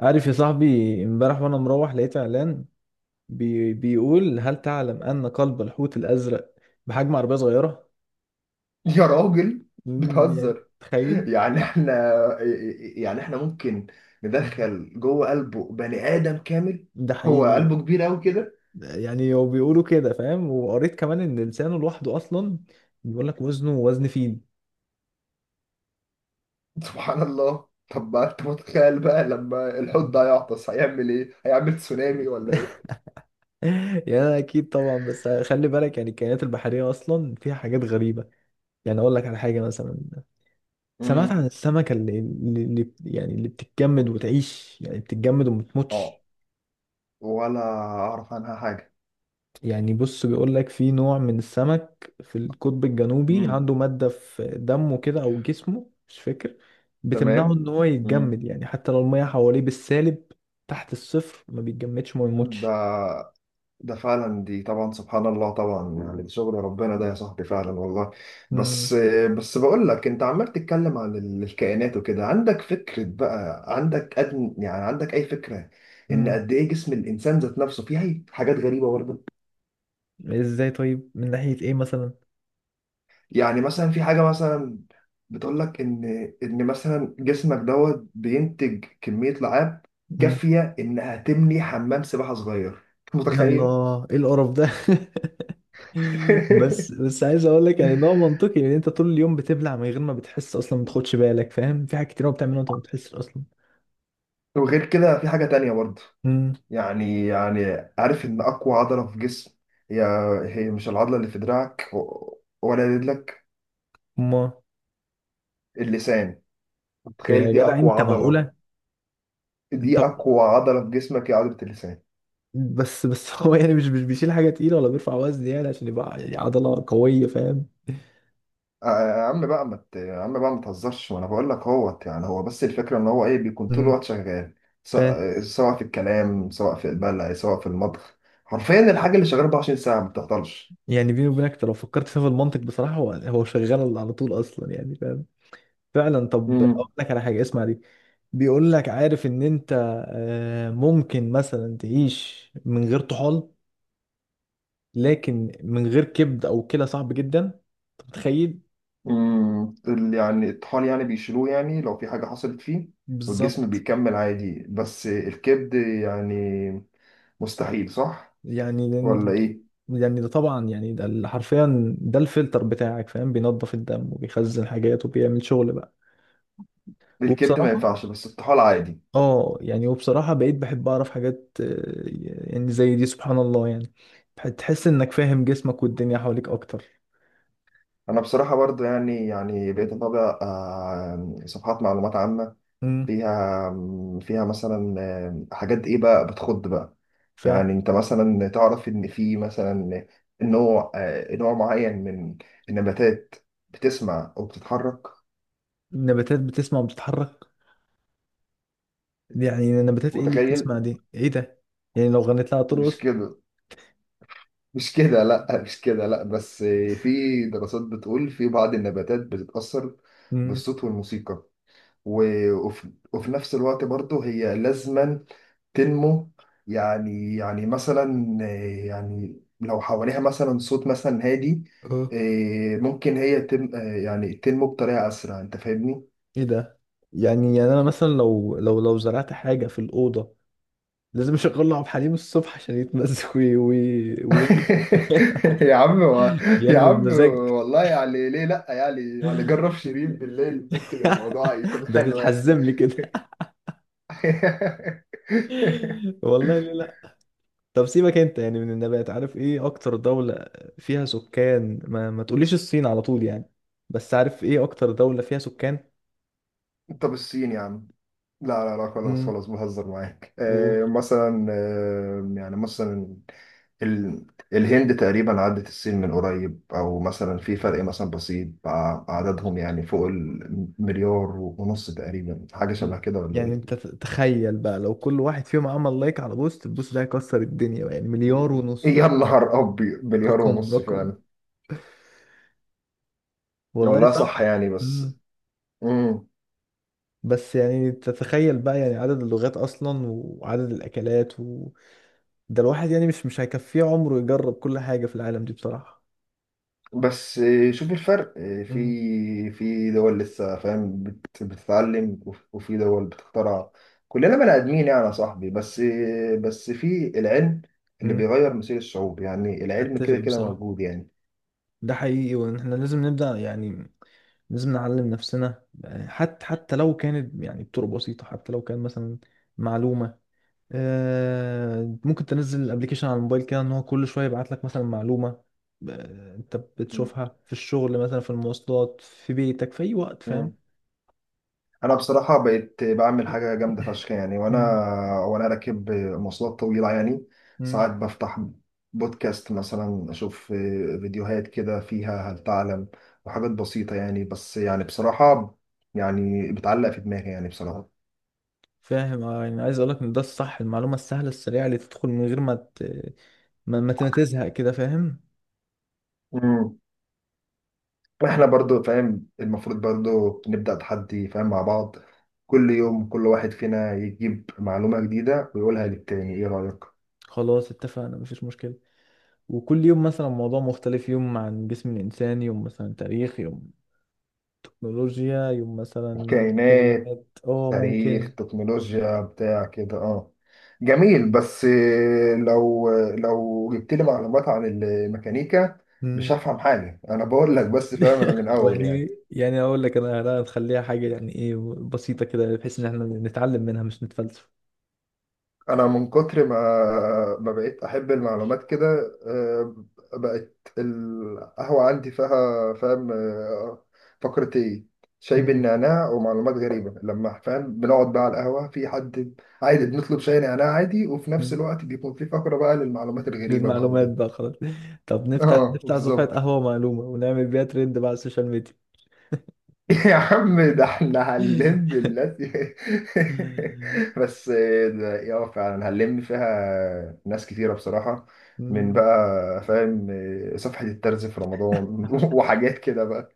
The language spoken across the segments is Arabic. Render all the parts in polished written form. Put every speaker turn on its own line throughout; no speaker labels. عارف يا صاحبي، امبارح وانا مروح لقيت اعلان بي بيقول هل تعلم ان قلب الحوت الازرق بحجم عربيه صغيره.
يا راجل.
يعني
بتهزر.
تخيل،
يعني احنا يعني احنا ممكن ندخل جوه قلبه بني آدم كامل.
ده
هو
حقيقي.
قلبه كبير قوي كده.
يعني هو بيقولوا كده، فاهم؟ وقريت كمان ان لسانه لوحده اصلا بيقول لك وزنه وزن فيل.
سبحان الله، طب ما انت متخيل بقى لما الحوت ده هيعطس هيعمل ايه؟ هيعمل تسونامي ولا ايه؟
يعني أنا اكيد طبعا، بس خلي بالك يعني الكائنات البحريه اصلا فيها حاجات غريبه. يعني اقول لك على حاجه مثلا، سمعت
امم
عن السمكه اللي بتتجمد وتعيش، يعني بتتجمد وما
اه،
بتموتش.
ولا اعرف عنها حاجة.
يعني بص، بيقول لك في نوع من السمك في القطب الجنوبي
امم
عنده مادة في دمه كده او جسمه، مش فاكر،
تمام.
بتمنعه ان هو
امم
يتجمد، يعني حتى لو المية حواليه بالسالب تحت الصفر ما بيتجمدش ما بيموتش.
ده ده فعلا، دي طبعا سبحان الله طبعا، يعني ده شغل ربنا ده يا صاحبي، فعلا والله.
مم.
بس بس بقول لك، انت عمال تتكلم عن الكائنات وكده، عندك فكرة بقى؟ عندك أدن، يعني عندك اي فكرة ان
مم.
قد ايه جسم الانسان ذات نفسه فيه حاجات غريبة برضه؟
ازاي؟ طيب من ناحية ايه مثلا؟
يعني مثلا في حاجة مثلا بتقول لك ان مثلا جسمك دوت بينتج كمية لعاب
مم.
كافية انها تبني حمام سباحة صغير.
يلا،
متخيل؟
ايه القرف ده؟ بس بس عايز اقول لك يعني ده منطقي لان انت طول اليوم بتبلع من غير ما بتحس اصلا، ما تاخدش بالك، فاهم؟ في حاجات كتير أوي بتعملها وانت ما بتحسش اصلا.
وغير كده في حاجة تانية برضه.
امم.
يعني عارف ان اقوى عضله في جسم، هي هي مش العضله اللي في دراعك ولا رجلك.
ما.
اللسان، تخيل،
يا
دي
جدع
اقوى
انت،
عضله.
معقولة؟ طب
في جسمك هي عضله اللسان.
بس بس هو يعني مش بيشيل حاجة تقيلة ولا بيرفع وزن يعني عشان يبقى يعني عضلة قوية، فاهم؟
آه، يا عم بقى ما ت- يا عم بقى ما تهزرش، وانا بقول لك اهوت. يعني هو بس الفكره ان هو ايه، بيكون طول
مم.
الوقت شغال. س-
ف،
سواء في الكلام سواء في البلع سواء في المطبخ، حرفيا الحاجه اللي شغاله 24 ساعه ما بتعطلش.
يعني بيني وبينك أنت لو فكرت فيها بالمنطق، بصراحة هو شغال على طول أصلا يعني، فاهم؟ فعلا. طب أقول لك على حاجة، اسمع دي. بيقول لك عارف إن أنت ممكن مثلا تعيش من غير طحال، لكن من غير كبد أو كلى صعب جدا. أنت متخيل؟
يعني الطحال يعني بيشيلوه يعني لو في حاجة حصلت فيه، والجسم
بالظبط.
بيكمل عادي. بس الكبد يعني مستحيل، صح
يعني لأن-
ولا ايه؟
يعني ده طبعا يعني ده ال- حرفيا ده الفلتر بتاعك، فاهم؟ بينظف الدم وبيخزن حاجات وبيعمل شغل بقى.
الكبد ما
وبصراحة،
ينفعش، بس الطحال عادي.
اه يعني وبصراحة بقيت بحب اعرف حاجات يعني زي دي، سبحان الله يعني. بح- تحس انك فاهم جسمك والدنيا حواليك اكتر.
انا بصراحة برضه، يعني بقيت اتابع صفحات معلومات عامة،
امم.
فيها فيها مثلا حاجات ايه بقى بتخض بقى.
فاهم.
يعني انت مثلا تعرف ان في مثلا نوع معين من النباتات بتسمع وبتتحرك.
النباتات بتسمع وبتتحرك؟ يعني النباتات ايه اللي
متخيل؟
بتسمع دي؟ ايه ده؟ يعني لو غنيت لها
مش
ترقص؟
كده مش كده، لا، مش كده، لا. بس في دراسات بتقول في بعض النباتات بتتأثر
امم.
بالصوت والموسيقى، و... وفي نفس الوقت برضه هي لازما تنمو. يعني مثلا يعني لو حواليها مثلا صوت مثلا هادي،
اه.
ممكن هي تم آه، يعني تنمو بطريقة أسرع. أنت فاهمني؟
ايه ده! يعني يعني انا مثلا لو لو زرعت حاجة في الأوضة لازم اشغل له عبد الحليم الصبح عشان يتمزج، وينمو.
يا عم و... يا
ينمو
عم
بمزاج.
والله، يعني ليه لا، يعني جرب شيرين بالليل، ممكن الموضوع يكون
ده
حلو يعني.
تتحزم لي كده؟ والله ليه لا. طب سيبك انت يعني من النبات، عارف ايه اكتر دولة فيها سكان؟ ما تقوليش الصين على طول يعني. بس عارف ايه اكتر دولة فيها سكان؟
طب الصين يا عم. لا لا لا، خلاص
امم.
خلاص، بهزر معاك.
و...
مثلا، يعني مثلا ال... الهند تقريبا عدت الصين من قريب، او مثلا في فرق مثلا بسيط، عددهم يعني فوق المليار ونص تقريبا، حاجة شبه كده ولا
يعني
إيه؟
انت ت- تخيل بقى لو كل واحد فيهم عمل لايك على بوست، البوست ده هيكسر الدنيا بقى، يعني مليار ونص.
يا نهار ابيض، مليار
رقم.
ونص
رقم.
فعلا.
والله
والله
صح.
صح، يعني بس. مم.
بس يعني تتخيل بقى يعني عدد اللغات اصلا وعدد الاكلات و... ده الواحد يعني مش هيكفيه عمره يجرب كل حاجة في العالم دي بصراحة.
بس شوف الفرق، في
مم.
في دول لسه فاهم بتتعلم، وفي دول بتخترع. كلنا بني ادمين يعني يا صاحبي، بس بس في العلم اللي
مم.
بيغير مصير الشعوب، يعني العلم
اتفق
كده كده
بصراحة،
موجود يعني.
ده حقيقي، وان احنا لازم نبدأ يعني. لازم نعلم نفسنا، يعني حتى حتى لو كانت يعني بطرق بسيطة، حتى لو كان مثلا معلومة ممكن تنزل الابليكيشن على الموبايل كده ان هو كل شوية يبعت لك مثلا معلومة انت بتشوفها في الشغل مثلا، في المواصلات، في بيتك، في اي وقت، فاهم؟
مم. انا بصراحه بقيت بعمل حاجه جامده فشخ يعني،
مم.
وانا راكب مواصلات طويله يعني،
مم.
ساعات بفتح بودكاست مثلا، اشوف فيديوهات كده فيها هل تعلم وحاجات بسيطه يعني. بس يعني بصراحه، يعني بتعلق في دماغي يعني بصراحه.
فاهم، اه. يعني عايز اقول لك ان ده الصح، المعلومه السهله السريعه اللي تدخل من غير ما ت... ما ما تزهق كده، فاهم؟
امم احنا برضو فاهم، المفروض برضو نبدا تحدي فاهم مع بعض، كل يوم كل واحد فينا يجيب معلومه جديده ويقولها للتاني، ايه رايك؟
خلاص اتفقنا، مفيش مشكله. وكل يوم مثلا موضوع مختلف، يوم عن جسم الانسان، يوم مثلا تاريخ، يوم تكنولوجيا، يوم مثلا
كائنات،
كائنات، اه ممكن.
تاريخ، تكنولوجيا بتاع كده، اه جميل. بس لو جبت لي معلومات عن الميكانيكا، مش
مم.
هفهم حاجة، انا بقول لك، بس فاهم انا من اول
ويعني
يعني.
يعني اقول لك انا، أنا هنخليها حاجه يعني ايه، بسيطه كده بحيث ان احنا نتعلم منها مش نتفلسف.
انا من كتر ما ما بقيت احب المعلومات كده، آه، بقت القهوه عندي فيها فاهم، فقره ايه، شاي بالنعناع ومعلومات غريبه، لما فاهم بنقعد بقى على القهوه في حد، عادي بنطلب شاي نعناع عادي، وفي نفس
مم.
الوقت بيكون في فقره بقى للمعلومات الغريبه بقى
للمعلومات
وكده.
بقى خلاص. طب نفتح
اه
نفتح صفحة
بالظبط.
قهوة معلومة ونعمل بيها ترند بقى على السوشيال ميديا.
يا عم، ده احنا هنلم الناس. بس ده يا فعلا هنلم فيها ناس كتيرة بصراحة، من
مم.
بقى فاهم صفحة الترز في رمضان، وحاجات كده بقى.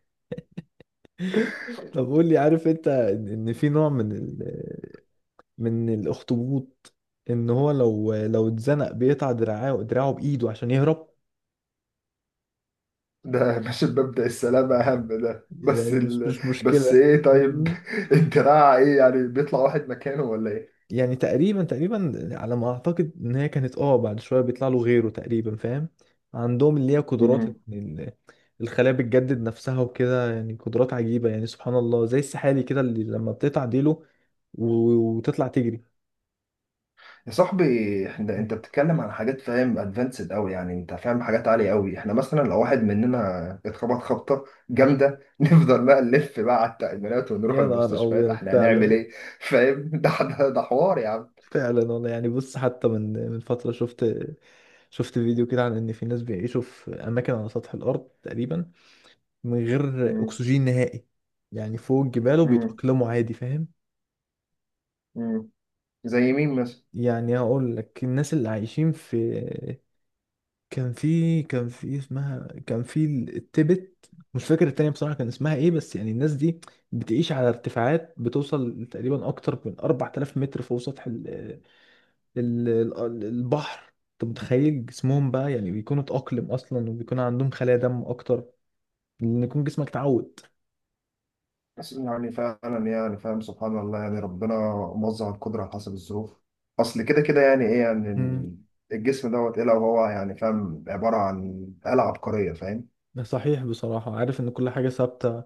طب قول لي، عارف انت ان، إن في نوع من ال... من الاخطبوط ان هو لو اتزنق بيقطع دراعه، دراعه بايده عشان يهرب؟
ده مش مبدأ السلامة أهم ده؟ بس
يعني مش مش
بس
مشكلة.
إيه، طيب، الدراع إيه؟ يعني بيطلع واحد مكانه ولا
يعني تقريبا تقريبا على ما اعتقد ان هي كانت، اه بعد شويه بيطلع له غيره تقريبا، فاهم؟ عندهم اللي هي قدرات إن
إيه؟
ال- الخلايا بتجدد نفسها وكده، يعني قدرات عجيبه يعني، سبحان الله، زي السحالي كده اللي لما بتقطع ديله وتطلع تجري.
يا صاحبي، احنا، انت بتتكلم عن حاجات فاهم ادفانسد قوي يعني، انت فاهم حاجات عاليه قوي. احنا مثلا لو واحد مننا اتخبط خبطه جامده، نفضل بقى نلف بقى على التأمينات ونروح
يا نهار
المستشفيات،
ابيض،
احنا هنعمل
فعلا.
ايه؟ فاهم، ده حوار يا عم.
فعلا والله. يعني بص، حتى من فتره شفت شفت فيديو كده عن ان في ناس بيعيشوا في اماكن على سطح الارض تقريبا من غير
مم.
اكسجين نهائي، يعني فوق الجبال،
مم.
وبيتاقلموا عادي، فاهم؟
مم. زي مين مثلا؟
يعني هقول لك الناس اللي عايشين في، كان في اسمها، كان في التبت، مش فاكر التانية بصراحة كان اسمها ايه. بس يعني الناس دي بتعيش على ارتفاعات بتوصل تقريبا اكتر من 4000 متر فوق سطح ال ال البحر. انت متخيل؟ جسمهم بقى يعني بيكونوا اتأقلم اصلا وبيكون عندهم خلايا دم اكتر، لان يكون جسمك اتعود.
بس يعني فعلا، يعني فاهم سبحان الله، يعني ربنا موزع القدره على حسب الظروف، اصل كده كده يعني ايه
مم.
يعني، الجسم دوت ايه لو هو يعني فاهم، عباره عن آلة عبقريه فاهم.
ده صحيح بصراحة. عارف ان كل حاجة ثابتة،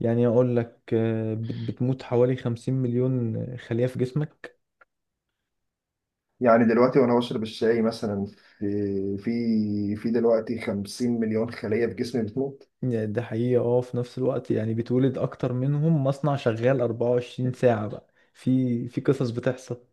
يعني اقول لك بت- بتموت حوالي 50 مليون خلية في جسمك،
يعني دلوقتي وانا بشرب الشاي مثلا، في دلوقتي 50 مليون خلية في جسمي بتموت.
يعني ده حقيقة. اه، في نفس الوقت يعني بيتولد أكتر منهم، مصنع شغال 24 ساعة بقى. في في قصص بتحصل.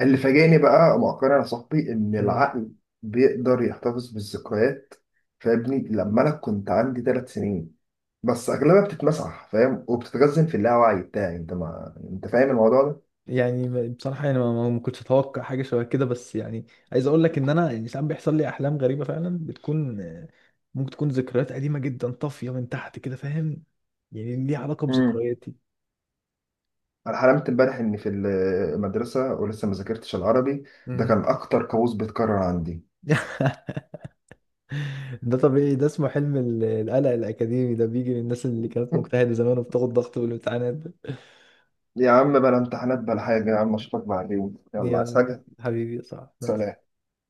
اللي فاجئني بقى مؤخرا يا صاحبي ان
مم.
العقل بيقدر يحتفظ بالذكريات، فابني لما انا كنت عندي 3 سنين، بس اغلبها بتتمسح فاهم وبتتخزن في اللاوعي بتاعي، انت ما انت فاهم الموضوع ده.
يعني ب- بصراحة يعني ما ما- ما كنتش أتوقع حاجة شبه كده، بس يعني عايز أقول لك إن أنا يعني ساعات بيحصل لي أحلام غريبة فعلا، بتكون ممكن تكون ذكريات قديمة جدا طافية من تحت كده، فاهم؟ يعني ليها علاقة
امم
بذكرياتي.
انا حلمت امبارح اني في المدرسة ولسه ما ذاكرتش العربي، ده
مم.
كان اكتر كابوس بيتكرر عندي.
ده طبيعي، ده اسمه حلم ال- القلق الأكاديمي، ده بيجي للناس اللي كانت مجتهدة زمان وبتاخد ضغط بالامتحانات ده.
يا عم، بلا امتحانات بلا حاجة يا عم، اشوفك بعدين، يلا، عايز
يلا
حاجة؟
حبيبي، صح، نعم.
سلام.